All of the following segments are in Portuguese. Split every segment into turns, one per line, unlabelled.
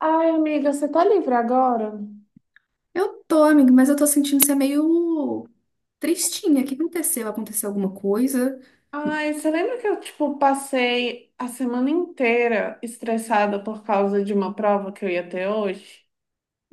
Ai, amiga, você tá livre agora?
Eu tô, amigo, mas eu tô sentindo ser meio tristinha. O que aconteceu? Aconteceu alguma coisa?
Ai, você lembra que eu, tipo, passei a semana inteira estressada por causa de uma prova que eu ia ter hoje?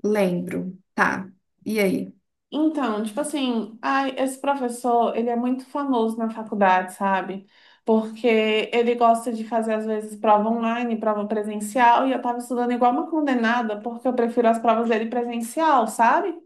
Lembro. Tá. E aí?
Então, tipo assim, ai, esse professor, ele é muito famoso na faculdade, sabe? Porque ele gosta de fazer, às vezes, prova online, prova presencial, e eu tava estudando igual uma condenada, porque eu prefiro as provas dele presencial, sabe?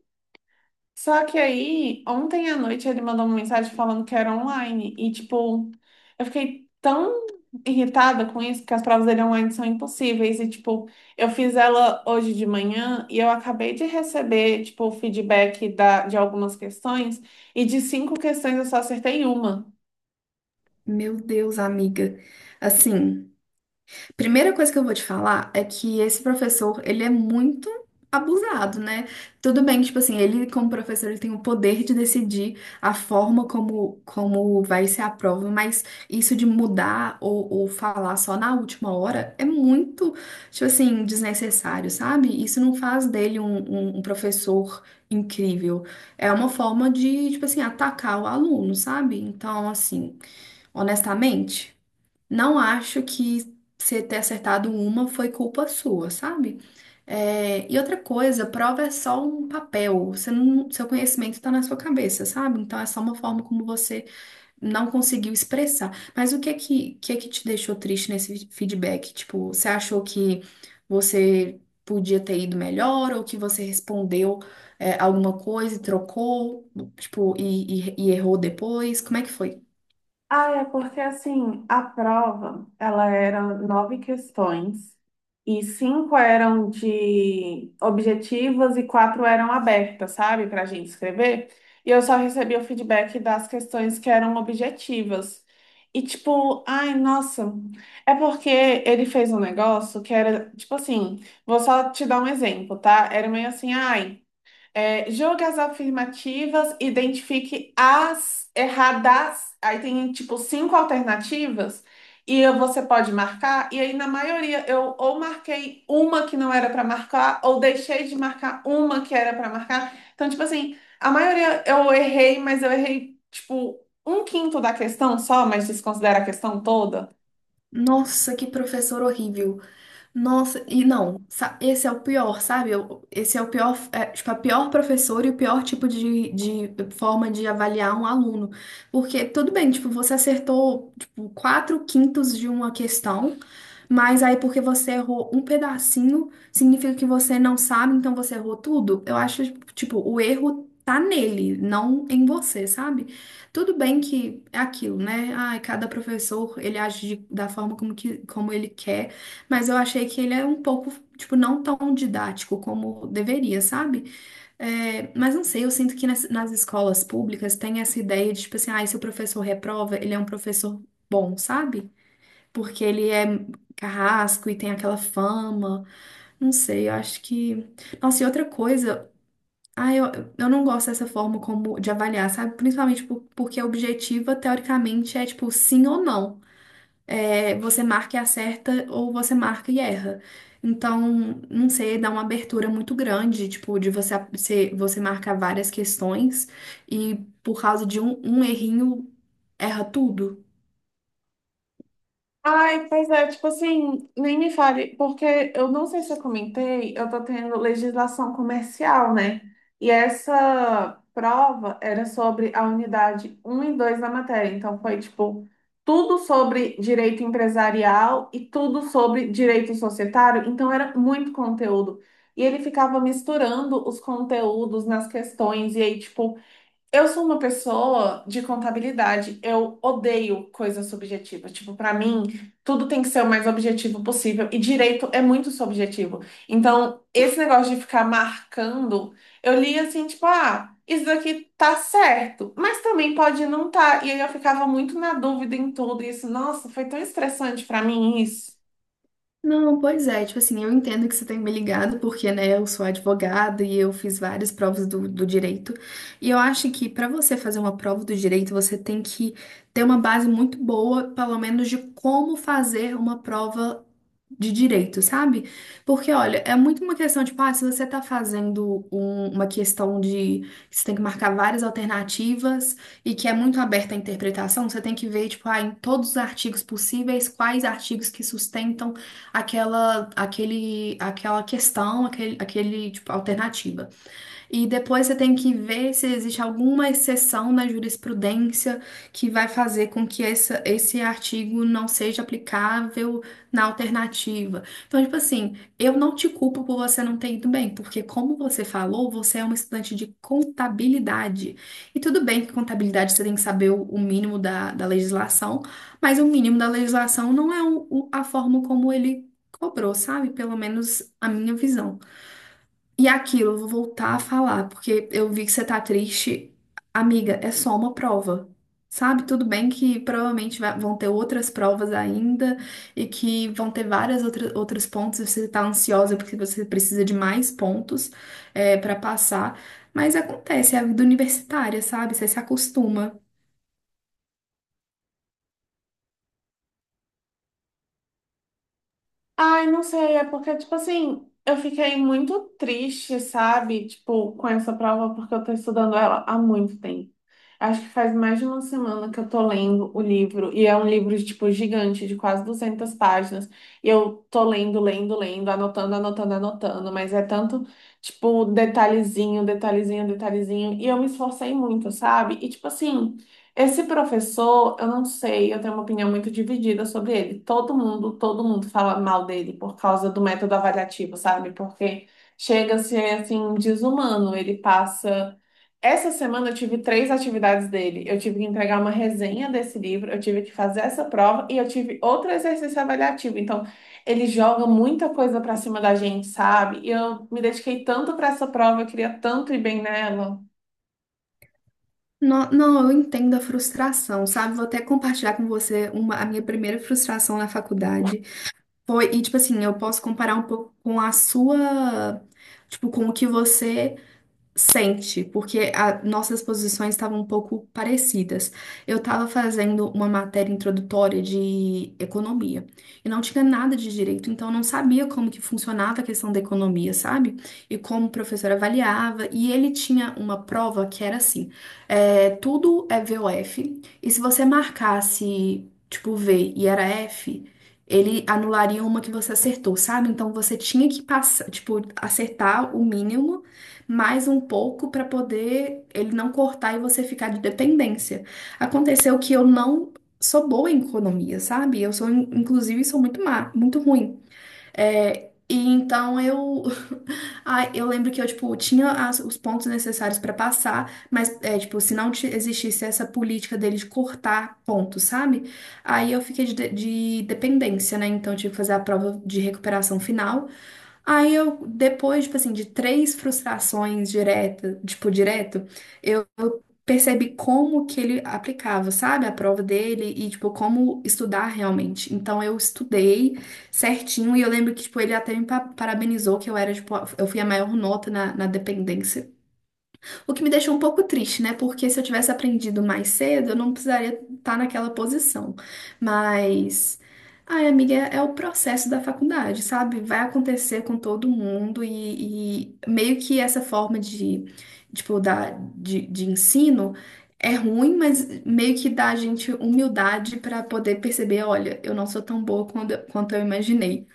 Só que aí, ontem à noite ele mandou uma mensagem falando que era online. E, tipo, eu fiquei tão irritada com isso, porque as provas dele online são impossíveis. E, tipo, eu fiz ela hoje de manhã e eu acabei de receber, tipo, o feedback de algumas questões. E de cinco questões eu só acertei uma.
Meu Deus, amiga. Assim. Primeira coisa que eu vou te falar é que esse professor, ele é muito abusado, né? Tudo bem que, tipo assim, ele como professor, ele tem o poder de decidir a forma como, como vai ser a prova, mas isso de mudar ou falar só na última hora é muito, tipo assim, desnecessário, sabe? Isso não faz dele um professor incrível. É uma forma de, tipo assim, atacar o aluno, sabe? Então, assim, honestamente... Não acho que você ter acertado uma foi culpa sua, sabe? É, e outra coisa, prova é só um papel, você não- seu conhecimento está na sua cabeça, sabe? Então é só uma forma como você não conseguiu expressar. Mas o que é que te deixou triste nesse feedback? Tipo, você achou que você podia ter ido melhor ou que você respondeu, alguma coisa e trocou, tipo, e errou depois? Como é que foi?
Ah, é porque assim, a prova, ela era nove questões e cinco eram de objetivas e quatro eram abertas, sabe, para a gente escrever. E eu só recebia o feedback das questões que eram objetivas. E tipo, ai, nossa, é porque ele fez um negócio que era, tipo assim, vou só te dar um exemplo, tá? Era meio assim, ai. É, julgue as afirmativas, identifique as erradas. Aí tem tipo cinco alternativas e você pode marcar. E aí, na maioria, eu ou marquei uma que não era para marcar, ou deixei de marcar uma que era para marcar. Então, tipo assim, a maioria eu errei, mas eu errei tipo um quinto da questão só, mas desconsidera a questão toda.
Nossa, que professor horrível. Nossa, e não, esse é o pior, sabe? Esse é o pior, é, tipo, a pior professora e o pior tipo de forma de avaliar um aluno. Porque tudo bem, tipo, você acertou, tipo, quatro quintos de uma questão, mas aí porque você errou um pedacinho, significa que você não sabe, então você errou tudo. Eu acho, tipo, o erro tá nele, não em você, sabe? Tudo bem que é aquilo, né? Ai, cada professor, ele age da forma como ele quer. Mas eu achei que ele é um pouco, tipo, não tão didático como deveria, sabe? É, mas não sei, eu sinto que nas escolas públicas tem essa ideia de, tipo assim, ah, se o professor reprova, ele é um professor bom, sabe? Porque ele é carrasco e tem aquela fama. Não sei, eu acho que. Nossa, e outra coisa. Ah, eu não gosto dessa forma como de avaliar, sabe? Principalmente porque a objetiva, teoricamente, é tipo sim ou não é, você marca e acerta ou você marca e erra. Então, não sei, dá uma abertura muito grande, tipo, de você marcar várias questões e por causa de um errinho, erra tudo.
Ai, pois é, tipo assim, nem me fale, porque eu não sei se eu comentei, eu tô tendo legislação comercial, né? E essa prova era sobre a unidade um e 2 da matéria, então foi tipo tudo sobre direito empresarial e tudo sobre direito societário, então era muito conteúdo. E ele ficava misturando os conteúdos nas questões, e aí, tipo, eu sou uma pessoa de contabilidade. Eu odeio coisas subjetivas. Tipo, pra mim, tudo tem que ser o mais objetivo possível. E direito é muito subjetivo. Então, esse negócio de ficar marcando, eu li assim, tipo, ah, isso daqui tá certo, mas também pode não tá. E aí eu ficava muito na dúvida em tudo. E isso, nossa, foi tão estressante pra mim isso.
Não, pois é, tipo assim, eu entendo que você tem me ligado, porque, né, eu sou advogada e eu fiz várias provas do direito. E eu acho que para você fazer uma prova do direito, você tem que ter uma base muito boa, pelo menos, de como fazer uma prova de direito, sabe? Porque, olha, é muito uma questão, de, tipo, ah, se você tá fazendo uma questão de que você tem que marcar várias alternativas e que é muito aberta à interpretação, você tem que ver, tipo, ah, em todos os artigos possíveis, quais artigos que sustentam aquela questão, tipo, alternativa. E depois você tem que ver se existe alguma exceção na jurisprudência que vai fazer com que esse artigo não seja aplicável na alternativa. Então, tipo assim, eu não te culpo por você não ter ido bem, porque, como você falou, você é uma estudante de contabilidade. E tudo bem que contabilidade você tem que saber o mínimo da legislação, mas o mínimo da legislação não é a forma como ele cobrou, sabe? Pelo menos a minha visão. E aquilo, eu vou voltar a falar, porque eu vi que você tá triste. Amiga, é só uma prova. Sabe? Tudo bem que provavelmente vão ter outras provas ainda e que vão ter várias outras, outros pontos. Você tá ansiosa porque você precisa de mais pontos para passar. Mas acontece, é a vida universitária, sabe? Você se acostuma.
Ai, não sei, é porque, tipo assim, eu fiquei muito triste, sabe? Tipo, com essa prova, porque eu tô estudando ela há muito tempo. Acho que faz mais de uma semana que eu tô lendo o livro, e é um livro, tipo, gigante, de quase 200 páginas. E eu tô lendo, lendo, lendo, anotando, anotando, anotando, mas é tanto, tipo, detalhezinho, detalhezinho, detalhezinho. E eu me esforcei muito, sabe? E, tipo assim, esse professor, eu não sei, eu tenho uma opinião muito dividida sobre ele. Todo mundo fala mal dele por causa do método avaliativo, sabe? Porque chega a ser, assim, desumano. Ele passa. Essa semana eu tive 3 atividades dele. Eu tive que entregar uma resenha desse livro, eu tive que fazer essa prova e eu tive outro exercício avaliativo. Então, ele joga muita coisa pra cima da gente, sabe? E eu me dediquei tanto pra essa prova, eu queria tanto ir bem nela.
Não, não, eu entendo a frustração, sabe? Vou até compartilhar com você a minha primeira frustração na faculdade. Foi, e tipo assim, eu posso comparar um pouco com a sua, tipo, com o que você sente, porque nossas posições estavam um pouco parecidas. Eu estava fazendo uma matéria introdutória de economia e não tinha nada de direito, então eu não sabia como que funcionava a questão da economia, sabe? E como o professor avaliava. E ele tinha uma prova que era assim: é, tudo é V O f e se você marcasse tipo V e era F. Ele anularia uma que você acertou, sabe? Então você tinha que passar, tipo, acertar o mínimo mais um pouco para poder ele não cortar e você ficar de dependência. Aconteceu que eu não sou boa em economia, sabe? Eu sou, inclusive, sou muito má, muito ruim. É, e então eu, ah, eu lembro que eu tipo tinha os pontos necessários para passar, mas é, tipo se não existisse essa política dele de cortar pontos, sabe? Aí eu fiquei de dependência, né? Então eu tive que fazer a prova de recuperação final. Aí eu, depois, tipo assim, de três frustrações direto, tipo, direto, eu eu percebi como que ele aplicava, sabe, a prova dele e, tipo, como estudar realmente. Então eu estudei certinho e eu lembro que, tipo, ele até me parabenizou que eu era, tipo, eu fui a maior nota na dependência. O que me deixou um pouco triste, né? Porque se eu tivesse aprendido mais cedo, eu não precisaria estar naquela posição. Mas, ai, amiga, é é o processo da faculdade, sabe? Vai acontecer com todo mundo e meio que essa forma de, tipo, de ensino é ruim, mas meio que dá a gente humildade para poder perceber, olha, eu não sou tão boa quanto eu imaginei.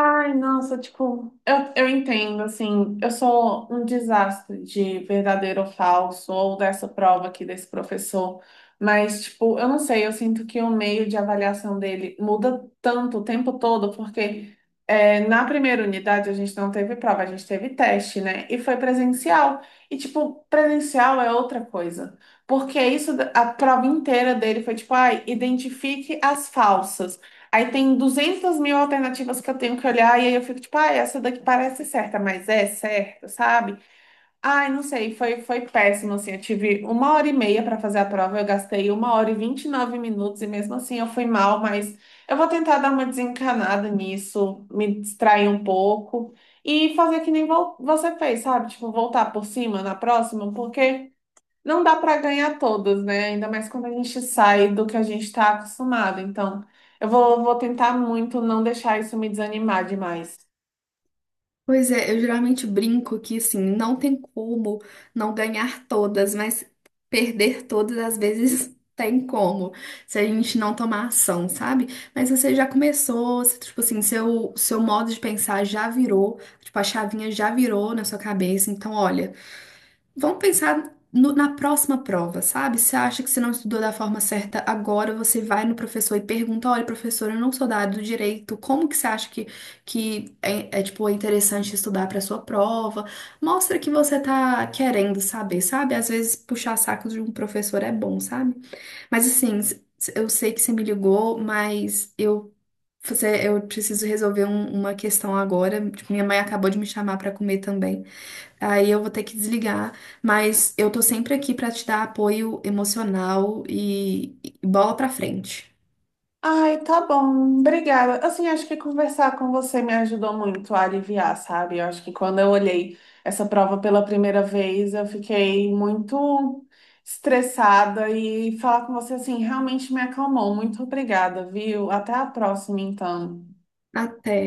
Ai, nossa, tipo, eu entendo, assim, eu sou um desastre de verdadeiro ou falso, ou dessa prova aqui desse professor, mas, tipo, eu não sei, eu sinto que o meio de avaliação dele muda tanto o tempo todo, porque é, na primeira unidade a gente não teve prova, a gente teve teste, né? E foi presencial. E, tipo, presencial é outra coisa, porque isso, a prova inteira dele foi, tipo, ai, identifique as falsas. Aí tem 200 mil alternativas que eu tenho que olhar, e aí eu fico tipo, ah, essa daqui parece certa, mas é certa, sabe? Ai, não sei, foi, foi péssimo, assim, eu tive 1 hora e meia para fazer a prova, eu gastei 1 hora e 29 minutos, e mesmo assim eu fui mal, mas eu vou, tentar dar uma desencanada nisso, me distrair um pouco, e fazer que nem você fez, sabe? Tipo, voltar por cima na próxima, porque... Não dá para ganhar todas, né? Ainda mais quando a gente sai do que a gente está acostumado. Então, eu vou, vou tentar muito não deixar isso me desanimar demais.
Pois é, eu geralmente brinco que assim, não tem como não ganhar todas, mas perder todas às vezes tem como, se a gente não tomar ação, sabe? Mas você já começou, você, tipo assim, seu modo de pensar já virou, tipo, a chavinha já virou na sua cabeça, então olha. Vamos pensar na próxima prova, sabe? Você acha que você não estudou da forma certa agora, você vai no professor e pergunta: olha, professor, eu não sou da área do direito, como que você acha que, tipo, é interessante estudar para sua prova? Mostra que você tá querendo saber, sabe? Às vezes puxar sacos de um professor é bom, sabe? Mas assim, eu sei que você me ligou, mas eu. Você, eu preciso resolver uma questão agora. Tipo, minha mãe acabou de me chamar para comer também. Aí eu vou ter que desligar, mas eu tô sempre aqui pra te dar apoio emocional e bola pra frente.
Ai, tá bom. Obrigada. Assim, acho que conversar com você me ajudou muito a aliviar, sabe? Eu acho que quando eu olhei essa prova pela primeira vez, eu fiquei muito estressada e falar com você assim realmente me acalmou. Muito obrigada, viu? Até a próxima, então.
Até.